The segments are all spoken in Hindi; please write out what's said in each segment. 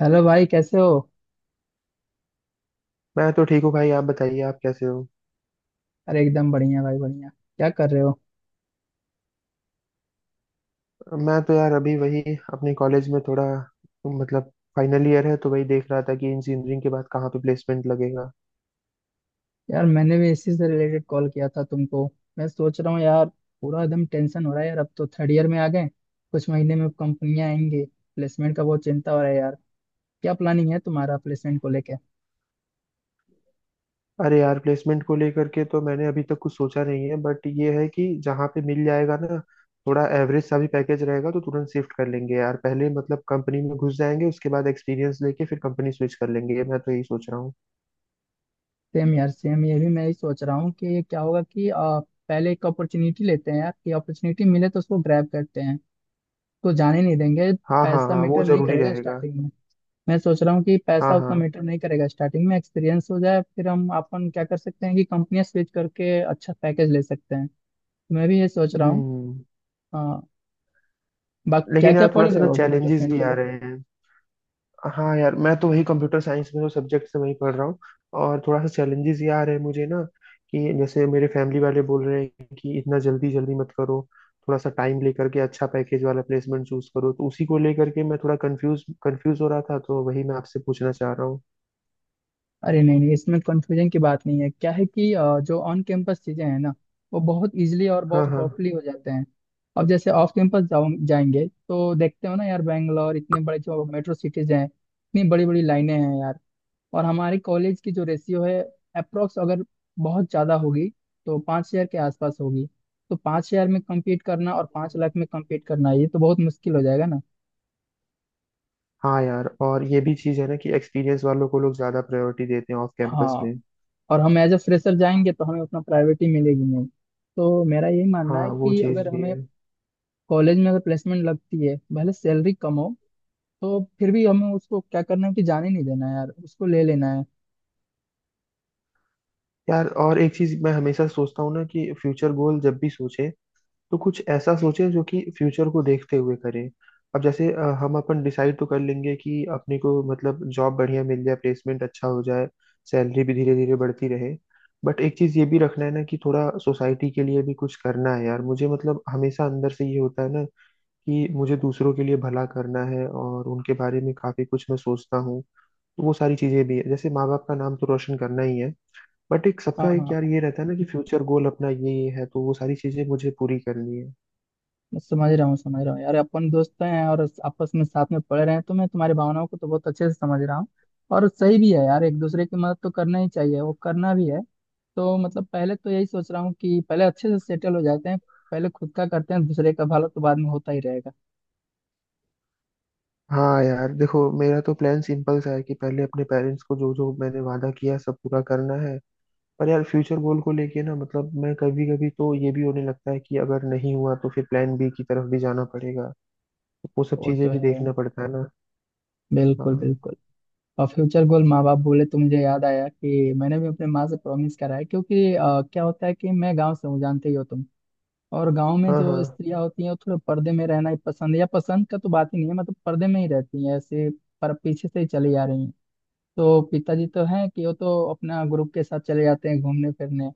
हेलो भाई, कैसे हो? मैं तो ठीक हूँ भाई। आप बताइए, आप कैसे हो। अरे एकदम बढ़िया भाई, बढ़िया। क्या कर रहे हो? मैं तो यार अभी वही अपने कॉलेज में थोड़ा, मतलब, फाइनल ईयर है तो वही देख रहा था कि इंजीनियरिंग के बाद कहाँ पे प्लेसमेंट लगेगा। यार मैंने भी इसी से रिलेटेड कॉल किया था तुमको। मैं सोच रहा हूँ यार, पूरा एकदम टेंशन हो रहा है यार। अब तो थर्ड ईयर में आ गए, कुछ महीने में कंपनियां आएंगी। प्लेसमेंट का बहुत चिंता हो रहा है यार। क्या प्लानिंग है तुम्हारा प्लेसमेंट को लेकर? अरे यार, प्लेसमेंट को लेकर के तो मैंने अभी तक कुछ सोचा नहीं है, बट ये है कि जहाँ पे मिल जाएगा ना, थोड़ा एवरेज सा भी पैकेज रहेगा तो तुरंत शिफ्ट कर लेंगे यार। पहले, मतलब, कंपनी में घुस जाएंगे, उसके बाद एक्सपीरियंस लेके फिर कंपनी स्विच कर लेंगे, मैं तो यही सोच रहा हूँ। सेम यार सेम, ये भी मैं ही सोच रहा हूँ कि क्या होगा कि पहले एक अपॉर्चुनिटी लेते हैं यार। कि अपॉर्चुनिटी मिले तो उसको ग्रैब करते हैं, तो जाने नहीं देंगे। हाँ हाँ पैसा हाँ, वो मैटर नहीं जरूरी करेगा रहेगा। स्टार्टिंग। मैं सोच रहा हूँ कि हाँ पैसा हाँ। उतना मैटर नहीं करेगा स्टार्टिंग में, एक्सपीरियंस हो जाए फिर हम अपन क्या कर सकते हैं कि कंपनियां स्विच करके अच्छा पैकेज ले सकते हैं। मैं भी ये सोच रहा हूँ। हम्म। हाँ। बाकी क्या लेकिन क्या यार, पढ़ थोड़ा सा रहे ना हो अभी चैलेंजेस प्लेसमेंट भी के आ लिए? रहे हैं। हाँ यार, मैं तो वही कंप्यूटर साइंस में जो सब्जेक्ट से वही पढ़ रहा हूँ। और थोड़ा सा चैलेंजेस ये आ रहे हैं मुझे ना, कि जैसे मेरे फैमिली वाले बोल रहे हैं कि इतना जल्दी जल्दी मत करो, थोड़ा सा टाइम लेकर के अच्छा पैकेज वाला प्लेसमेंट चूज करो। तो उसी को लेकर के मैं थोड़ा कंफ्यूज कंफ्यूज हो रहा था, तो वही मैं आपसे पूछना चाह रहा हूँ। अरे नहीं नहीं, इसमें कंफ्यूजन की बात नहीं है। क्या है कि जो ऑन कैंपस चीजें हैं ना, वो बहुत इजिली और बहुत हाँ हाँ। सॉफ्टली हो जाते हैं। अब जैसे ऑफ कैंपस जाओ जाएंगे तो देखते हो ना यार, बैंगलोर इतने बड़े जो मेट्रो सिटीज हैं, इतनी बड़ी बड़ी लाइनें हैं यार। और हमारे कॉलेज की जो रेशियो है, अप्रोक्स अगर बहुत ज़्यादा होगी तो 5,000 के आसपास होगी। तो पाँच हज़ार में compete करना और 5 लाख में compete करना, ये तो बहुत मुश्किल हो जाएगा ना। हाँ यार, और ये भी चीज़ है ना कि एक्सपीरियंस वालों को लोग ज़्यादा प्रायोरिटी देते हैं ऑफ कैंपस हाँ। में। और हम एज अ फ्रेशर जाएंगे तो हमें उतना प्रायोरिटी मिलेगी नहीं। तो मेरा यही मानना है हाँ, वो कि चीज़ अगर भी हमें है। कॉलेज में अगर प्लेसमेंट लगती है भले सैलरी कम हो, तो फिर भी हमें उसको क्या करना है कि जाने नहीं देना है यार, उसको ले लेना है। यार, और एक चीज़ मैं हमेशा सोचता हूँ ना कि फ्यूचर गोल जब भी सोचे तो कुछ ऐसा सोचे जो कि फ्यूचर को देखते हुए करें। अब जैसे हम अपन डिसाइड तो कर लेंगे कि अपने को, मतलब, जॉब बढ़िया मिल जाए, प्लेसमेंट अच्छा हो जाए, सैलरी भी धीरे धीरे बढ़ती रहे। बट एक चीज़ ये भी रखना है ना कि थोड़ा सोसाइटी के लिए भी कुछ करना है यार मुझे, मतलब हमेशा अंदर से ये होता है ना कि मुझे दूसरों के लिए भला करना है, और उनके बारे में काफ़ी कुछ मैं सोचता हूँ। तो वो सारी चीज़ें भी है, जैसे माँ बाप का नाम तो रोशन करना ही है। बट एक हाँ सबका एक हाँ। यार ये रहता है ना कि फ्यूचर गोल अपना ये है, तो वो सारी चीज़ें मुझे पूरी करनी है। मैं समझ रहा हूँ, समझ रहा हूँ यार। अपन दोस्त तो हैं और आपस में साथ में पढ़ रहे हैं, तो मैं तुम्हारी भावनाओं को तो बहुत अच्छे से समझ रहा हूँ। और सही भी है यार, एक दूसरे की मदद तो करना ही चाहिए, वो करना भी है। तो मतलब पहले तो यही सोच रहा हूँ कि पहले अच्छे से सेटल हो जाते हैं। पहले खुद का करते हैं, दूसरे का भला तो बाद में होता ही रहेगा। हाँ यार देखो, मेरा तो प्लान सिंपल सा है कि पहले अपने पेरेंट्स को जो जो मैंने वादा किया है, सब पूरा करना है। पर यार, फ्यूचर गोल को लेके ना, मतलब मैं, कभी कभी तो ये भी होने लगता है कि अगर नहीं हुआ तो फिर प्लान बी की तरफ भी जाना पड़ेगा, तो वो सब वो चीजें तो भी है, देखना पड़ता है ना। बिल्कुल हाँ। बिल्कुल। और फ्यूचर गोल माँ बाप बोले तो मुझे याद आया कि मैंने भी अपने माँ से प्रॉमिस करा है, क्योंकि क्या होता है कि मैं गाँव से हूँ, जानते ही हो तुम। और गांव में हाँ हाँ। जो स्त्रियां होती हैं वो थोड़े पर्दे में रहना ही पसंद है, या पसंद का तो बात ही नहीं है, मतलब पर्दे में ही रहती हैं ऐसे। पर पीछे से ही चली जा रही हैं। तो पिताजी तो हैं कि वो तो अपना ग्रुप के साथ चले जाते हैं घूमने फिरने।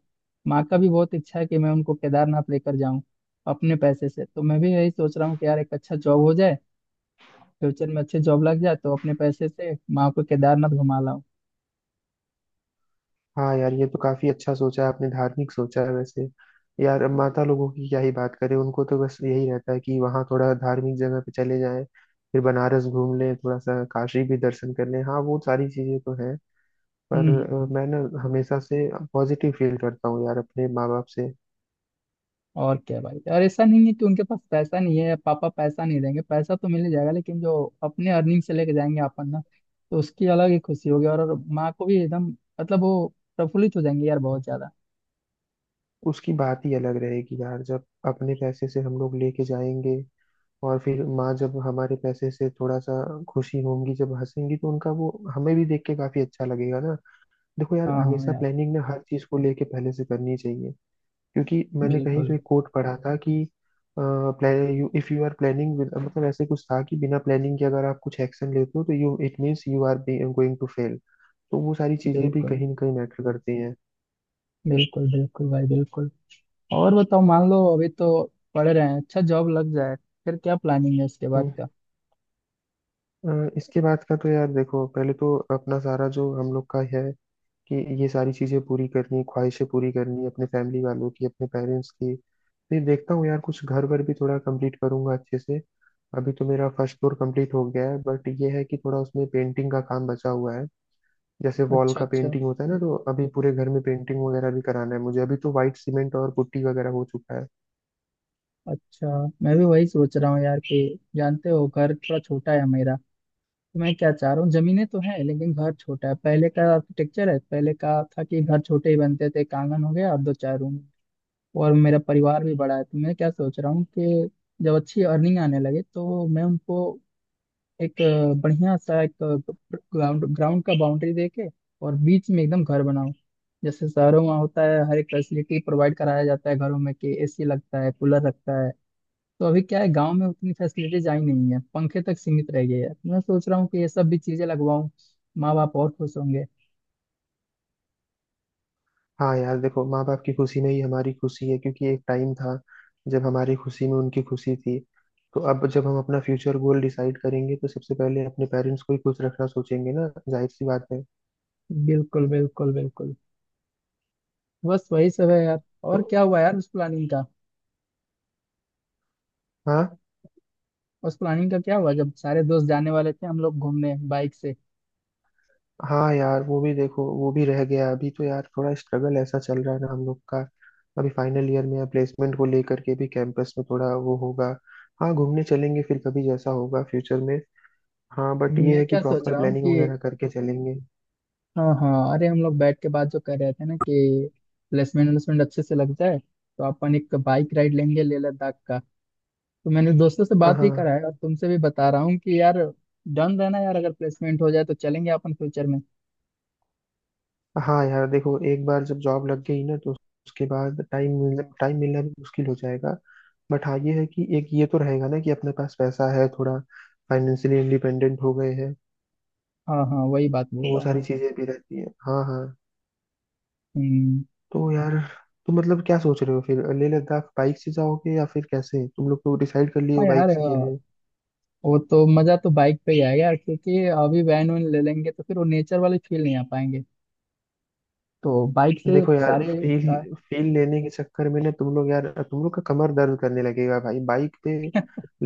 माँ का भी बहुत इच्छा है कि मैं उनको केदारनाथ लेकर जाऊं अपने पैसे से। तो मैं भी यही सोच रहा हूँ कि यार एक अच्छा जॉब हो जाए, फ्यूचर में अच्छी जॉब लग जाए तो अपने पैसे से माँ को केदारनाथ घुमा लाऊं। हाँ यार, ये तो काफी अच्छा सोचा है आपने, धार्मिक सोचा है वैसे। यार, अब माता लोगों की क्या ही बात करें, उनको तो बस यही रहता है कि वहाँ थोड़ा धार्मिक जगह पे चले जाएं, फिर बनारस घूम लें, थोड़ा सा काशी भी दर्शन कर लें। हाँ, वो सारी चीजें तो है। पर हम्म। मैं ना हमेशा से पॉजिटिव फील करता हूँ यार अपने माँ बाप से। और क्या भाई। और ऐसा नहीं है कि उनके पास पैसा नहीं है, पापा पैसा नहीं देंगे, पैसा तो मिल ही जाएगा। लेकिन जो अपने अर्निंग से लेके जाएंगे अपन ना, तो उसकी अलग ही खुशी होगी। और माँ को भी एकदम, मतलब वो प्रफुल्लित हो जाएंगे यार, बहुत ज्यादा। उसकी बात ही अलग रहेगी यार, जब अपने पैसे से हम लोग लेके जाएंगे, और फिर माँ जब हमारे पैसे से थोड़ा सा खुशी होंगी, जब हंसेंगी, तो उनका वो हमें भी देख के काफी अच्छा लगेगा ना। देखो यार, हाँ हाँ हमेशा यार। प्लानिंग ना हर चीज को लेके पहले से करनी चाहिए, क्योंकि मैंने कहीं बिल्कुल तो एक कोट पढ़ा था कि इफ यू आर प्लानिंग, मतलब ऐसे कुछ था कि बिना प्लानिंग के अगर आप कुछ एक्शन लेते हो तो you, it means you are going to fail. तो वो सारी चीजें भी बिल्कुल। कहीं ना कहीं मैटर करती हैं। बिल्कुल बिल्कुल भाई, बिल्कुल। और बताओ, मान लो अभी तो पढ़ रहे हैं, अच्छा जॉब लग जाए, फिर क्या प्लानिंग है इसके बाद हम्म। का? इसके बाद का तो यार देखो, पहले तो अपना सारा जो हम लोग का है, कि ये सारी चीजें पूरी करनी, ख्वाहिशें पूरी करनी अपने फैमिली वालों की, अपने पेरेंट्स की। फिर देखता हूँ यार, कुछ घर वर भी थोड़ा कंप्लीट करूंगा अच्छे से। अभी तो मेरा फर्स्ट फ्लोर कंप्लीट हो गया है, बट ये है कि थोड़ा उसमें पेंटिंग का काम बचा हुआ है। जैसे वॉल अच्छा का अच्छा। पेंटिंग होता है ना, तो अभी पूरे घर में पेंटिंग वगैरह भी कराना है मुझे। अभी तो वाइट सीमेंट और पुट्टी वगैरह हो चुका है। अच्छा। मैं भी वही सोच रहा हूँ यार कि जानते हो घर थोड़ा छोटा है मेरा। तो मैं क्या चाह रहा हूँ, जमीनें तो हैं लेकिन घर छोटा है, पहले का आर्किटेक्चर है, पहले का था कि घर छोटे ही बनते थे, एक आंगन हो गया और दो चार रूम। और मेरा परिवार भी बड़ा है। तो मैं क्या सोच रहा हूँ कि जब अच्छी अर्निंग आने लगे तो मैं उनको एक बढ़िया सा एक ग्राउंड ग्राउंड का बाउंड्री दे के और बीच में एकदम घर बनाऊं। जैसे शहरों में होता है, हर एक फैसिलिटी प्रोवाइड कराया जाता है घरों में, कि एसी लगता है, कूलर लगता है। तो अभी क्या है, गांव में उतनी फैसिलिटीज आई नहीं है, पंखे तक सीमित रह गए हैं। मैं सोच रहा हूँ कि ये सब भी चीजें लगवाऊं, माँ बाप और खुश होंगे। हाँ यार देखो, माँ बाप की खुशी में ही हमारी खुशी है, क्योंकि एक टाइम था जब हमारी खुशी में उनकी खुशी थी। तो अब जब हम अपना फ्यूचर गोल डिसाइड करेंगे, तो सबसे पहले अपने पेरेंट्स को ही खुश रखना सोचेंगे ना, जाहिर सी बात है। बिल्कुल बिल्कुल बिल्कुल। बस वही सब है यार। तो और क्या हुआ यार उस प्लानिंग का? हाँ। उस प्लानिंग का क्या हुआ जब सारे दोस्त जाने वाले थे, हम लोग घूमने बाइक से? हाँ यार, वो भी देखो, वो भी रह गया। अभी तो यार थोड़ा स्ट्रगल ऐसा चल रहा है ना हम लोग का, अभी फाइनल ईयर में प्लेसमेंट को लेकर के भी कैंपस में थोड़ा वो होगा। हाँ, घूमने चलेंगे फिर कभी, जैसा होगा फ्यूचर में। हाँ, बट ये मैं है कि क्या सोच प्रॉपर रहा हूँ प्लानिंग कि वगैरह करके चलेंगे। हाँ हाँ, अरे हम लोग बैठ के बात जो कर रहे थे ना कि प्लेसमेंट व्लेसमेंट अच्छे से लग जाए, तो अपन एक बाइक राइड लेंगे लेह लद्दाख का। तो मैंने दोस्तों से बात भी हाँ। करा है और तुमसे भी बता रहा हूँ कि यार डन रहना यार, अगर प्लेसमेंट हो जाए तो चलेंगे अपन फ्यूचर में। हाँ यार देखो, एक बार जब जॉब लग गई ना, तो उसके बाद टाइम मिलना भी मुश्किल हो जाएगा। बट हाँ, ये है कि एक ये तो रहेगा ना कि अपने पास पैसा है थोड़ा, फाइनेंशियली इंडिपेंडेंट हो गए हैं। हाँ हाँ, वही बात बोल वो रहा हूँ सारी मैं। चीजें भी रहती हैं। हाँ हाँ। हम्म। तो यार, तुम मतलब क्या सोच रहे हो फिर? लेह लद्दाख बाइक से जाओगे या फिर कैसे? तुम लोग तो डिसाइड कर लिए हाँ हो यार, बाइक से के लिए। वो तो मजा तो बाइक पे ही आएगा यार, क्योंकि अभी वैन वैन ले लेंगे तो फिर वो नेचर वाली फील नहीं आ पाएंगे। तो बाइक से देखो यार, फील फील लेने के चक्कर में ना, तुम लोग का कमर दर्द करने लगेगा भाई बाइक पे।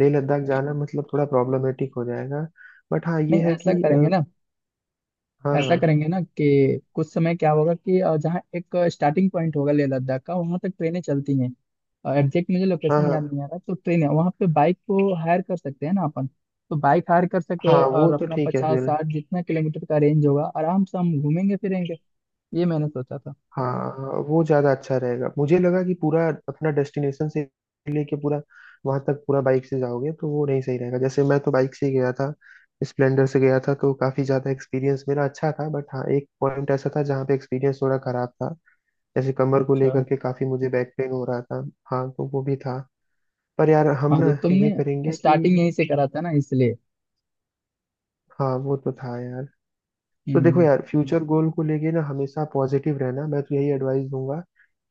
लेह लद्दाख जाना मतलब थोड़ा प्रॉब्लमेटिक हो जाएगा। बट हाँ, ये नहीं, है ऐसा कि करेंगे ना, हाँ ऐसा हाँ। करेंगे ना कि कुछ समय क्या होगा कि जहाँ एक स्टार्टिंग पॉइंट होगा लेह लद्दाख का, वहाँ तक ट्रेनें चलती हैं। एग्जैक्ट मुझे हाँ लोकेशन याद हाँ नहीं आ रहा, तो ट्रेन है वहाँ पे बाइक को हायर कर सकते हैं ना अपन। तो बाइक हायर कर हाँ, सके वो और तो अपना ठीक है पचास फिर। साठ जितना किलोमीटर का रेंज होगा, आराम से हम घूमेंगे फिरेंगे। ये मैंने सोचा था। हाँ। हाँ, वो ज़्यादा अच्छा रहेगा। मुझे लगा कि पूरा अपना डेस्टिनेशन से लेके पूरा वहाँ तक पूरा बाइक से जाओगे तो वो नहीं सही रहेगा। जैसे मैं तो बाइक से ही गया था, स्प्लेंडर से गया था, तो काफ़ी ज़्यादा एक्सपीरियंस मेरा अच्छा था। बट हाँ, एक पॉइंट ऐसा था जहाँ पे एक्सपीरियंस थोड़ा खराब था, जैसे कमर को अच्छा। लेकर के काफी मुझे बैक पेन हो रहा था। हाँ, तो वो भी था। पर यार, हाँ हम ना तो ये तुमने करेंगे स्टार्टिंग कि, यहीं से करा था ना, इसलिए। हाँ, वो तो था यार। तो देखो हम्म। यार, फ्यूचर गोल को लेके ना हमेशा पॉजिटिव रहना, मैं तो यही एडवाइस दूंगा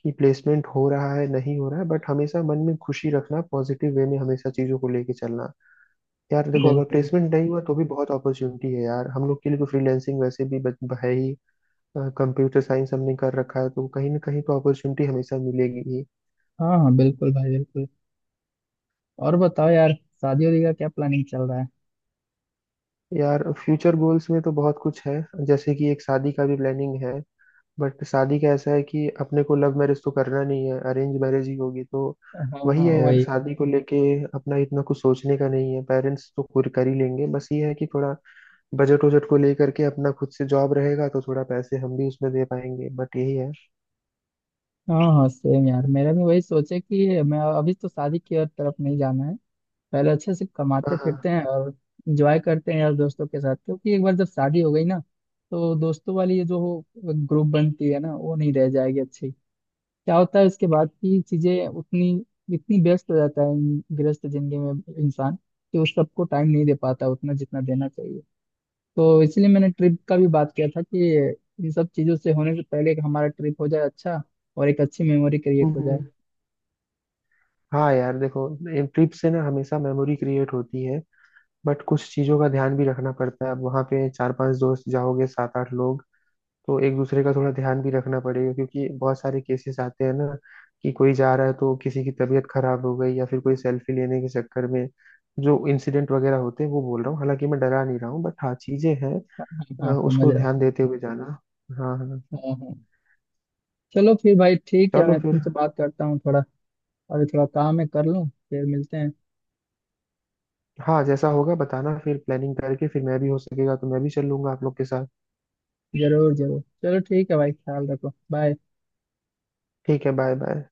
कि प्लेसमेंट हो रहा है नहीं हो रहा है, बट हमेशा मन में खुशी रखना, पॉजिटिव वे में हमेशा चीजों को लेके चलना। यार देखो, अगर बिल्कुल। प्लेसमेंट नहीं हुआ तो भी बहुत अपॉर्चुनिटी है यार हम लोग के लिए, तो फ्रीलैंसिंग वैसे भी है ही। कंप्यूटर साइंस हमने कर रखा है, तो कहीं ना कहीं तो अपॉर्चुनिटी हमेशा मिलेगी ही। हाँ हाँ बिल्कुल भाई, बिल्कुल। और बताओ यार, शादी वादी का क्या प्लानिंग चल रहा है? यार, फ्यूचर गोल्स में तो बहुत कुछ है, जैसे कि एक शादी का भी प्लानिंग है। बट शादी का ऐसा है कि अपने को लव मैरिज तो करना नहीं है, अरेंज मैरिज ही होगी, तो हाँ वही हाँ है यार। वही। शादी को लेके अपना इतना कुछ सोचने का नहीं है, पेरेंट्स तो खुद कर ही लेंगे। बस ये है कि थोड़ा बजट वजट को लेकर के, अपना खुद से जॉब रहेगा तो थोड़ा पैसे हम भी उसमें दे पाएंगे, बट यही है। हाँ हाँ सेम यार, मेरा भी वही सोचे कि मैं अभी तो शादी की और तरफ नहीं जाना है। पहले अच्छे से हाँ कमाते हाँ। फिरते हैं और इंजॉय करते हैं यार दोस्तों के साथ। क्योंकि एक बार जब शादी हो गई ना, तो दोस्तों वाली ये जो ग्रुप बनती है ना, वो नहीं रह जाएगी अच्छी। क्या होता है उसके बाद की चीजें उतनी, इतनी व्यस्त हो जाता है गृहस्थ जिंदगी में इंसान कि उस सबको टाइम नहीं दे पाता उतना जितना देना चाहिए। तो इसलिए मैंने ट्रिप का भी बात किया था कि इन सब चीजों से होने से पहले कि हमारा ट्रिप हो जाए अच्छा, और एक अच्छी मेमोरी क्रिएट हो जाए। हम्म। हाँ यार देखो, ट्रिप से ना हमेशा मेमोरी क्रिएट होती है, बट कुछ चीज़ों का ध्यान भी रखना पड़ता है। अब वहाँ पे चार पांच दोस्त जाओगे, सात आठ लोग, तो एक दूसरे का थोड़ा ध्यान भी रखना पड़ेगा, क्योंकि बहुत सारे केसेस आते हैं ना कि कोई जा रहा है तो किसी की तबीयत खराब हो गई, या फिर कोई सेल्फी लेने के चक्कर में जो इंसिडेंट वगैरह होते हैं, वो बोल रहा हूँ। हालांकि मैं डरा नहीं रहा हूँ, बट हाँ, चीजें हैं। हाँ हाँ समझ उसको रहा। ध्यान देते हुए जाना। हाँ हाँ। हाँ हाँ। चलो फिर भाई ठीक है, चलो मैं फिर। तुमसे बात करता हूँ थोड़ा। अभी थोड़ा काम है, कर लूँ फिर मिलते हैं। हाँ, जैसा होगा बताना, फिर प्लानिंग करके फिर, मैं भी हो सकेगा तो मैं भी चल लूंगा आप लोग के साथ। जरूर जरूर, चलो ठीक है भाई, ख्याल रखो, बाय। ठीक है, बाय बाय।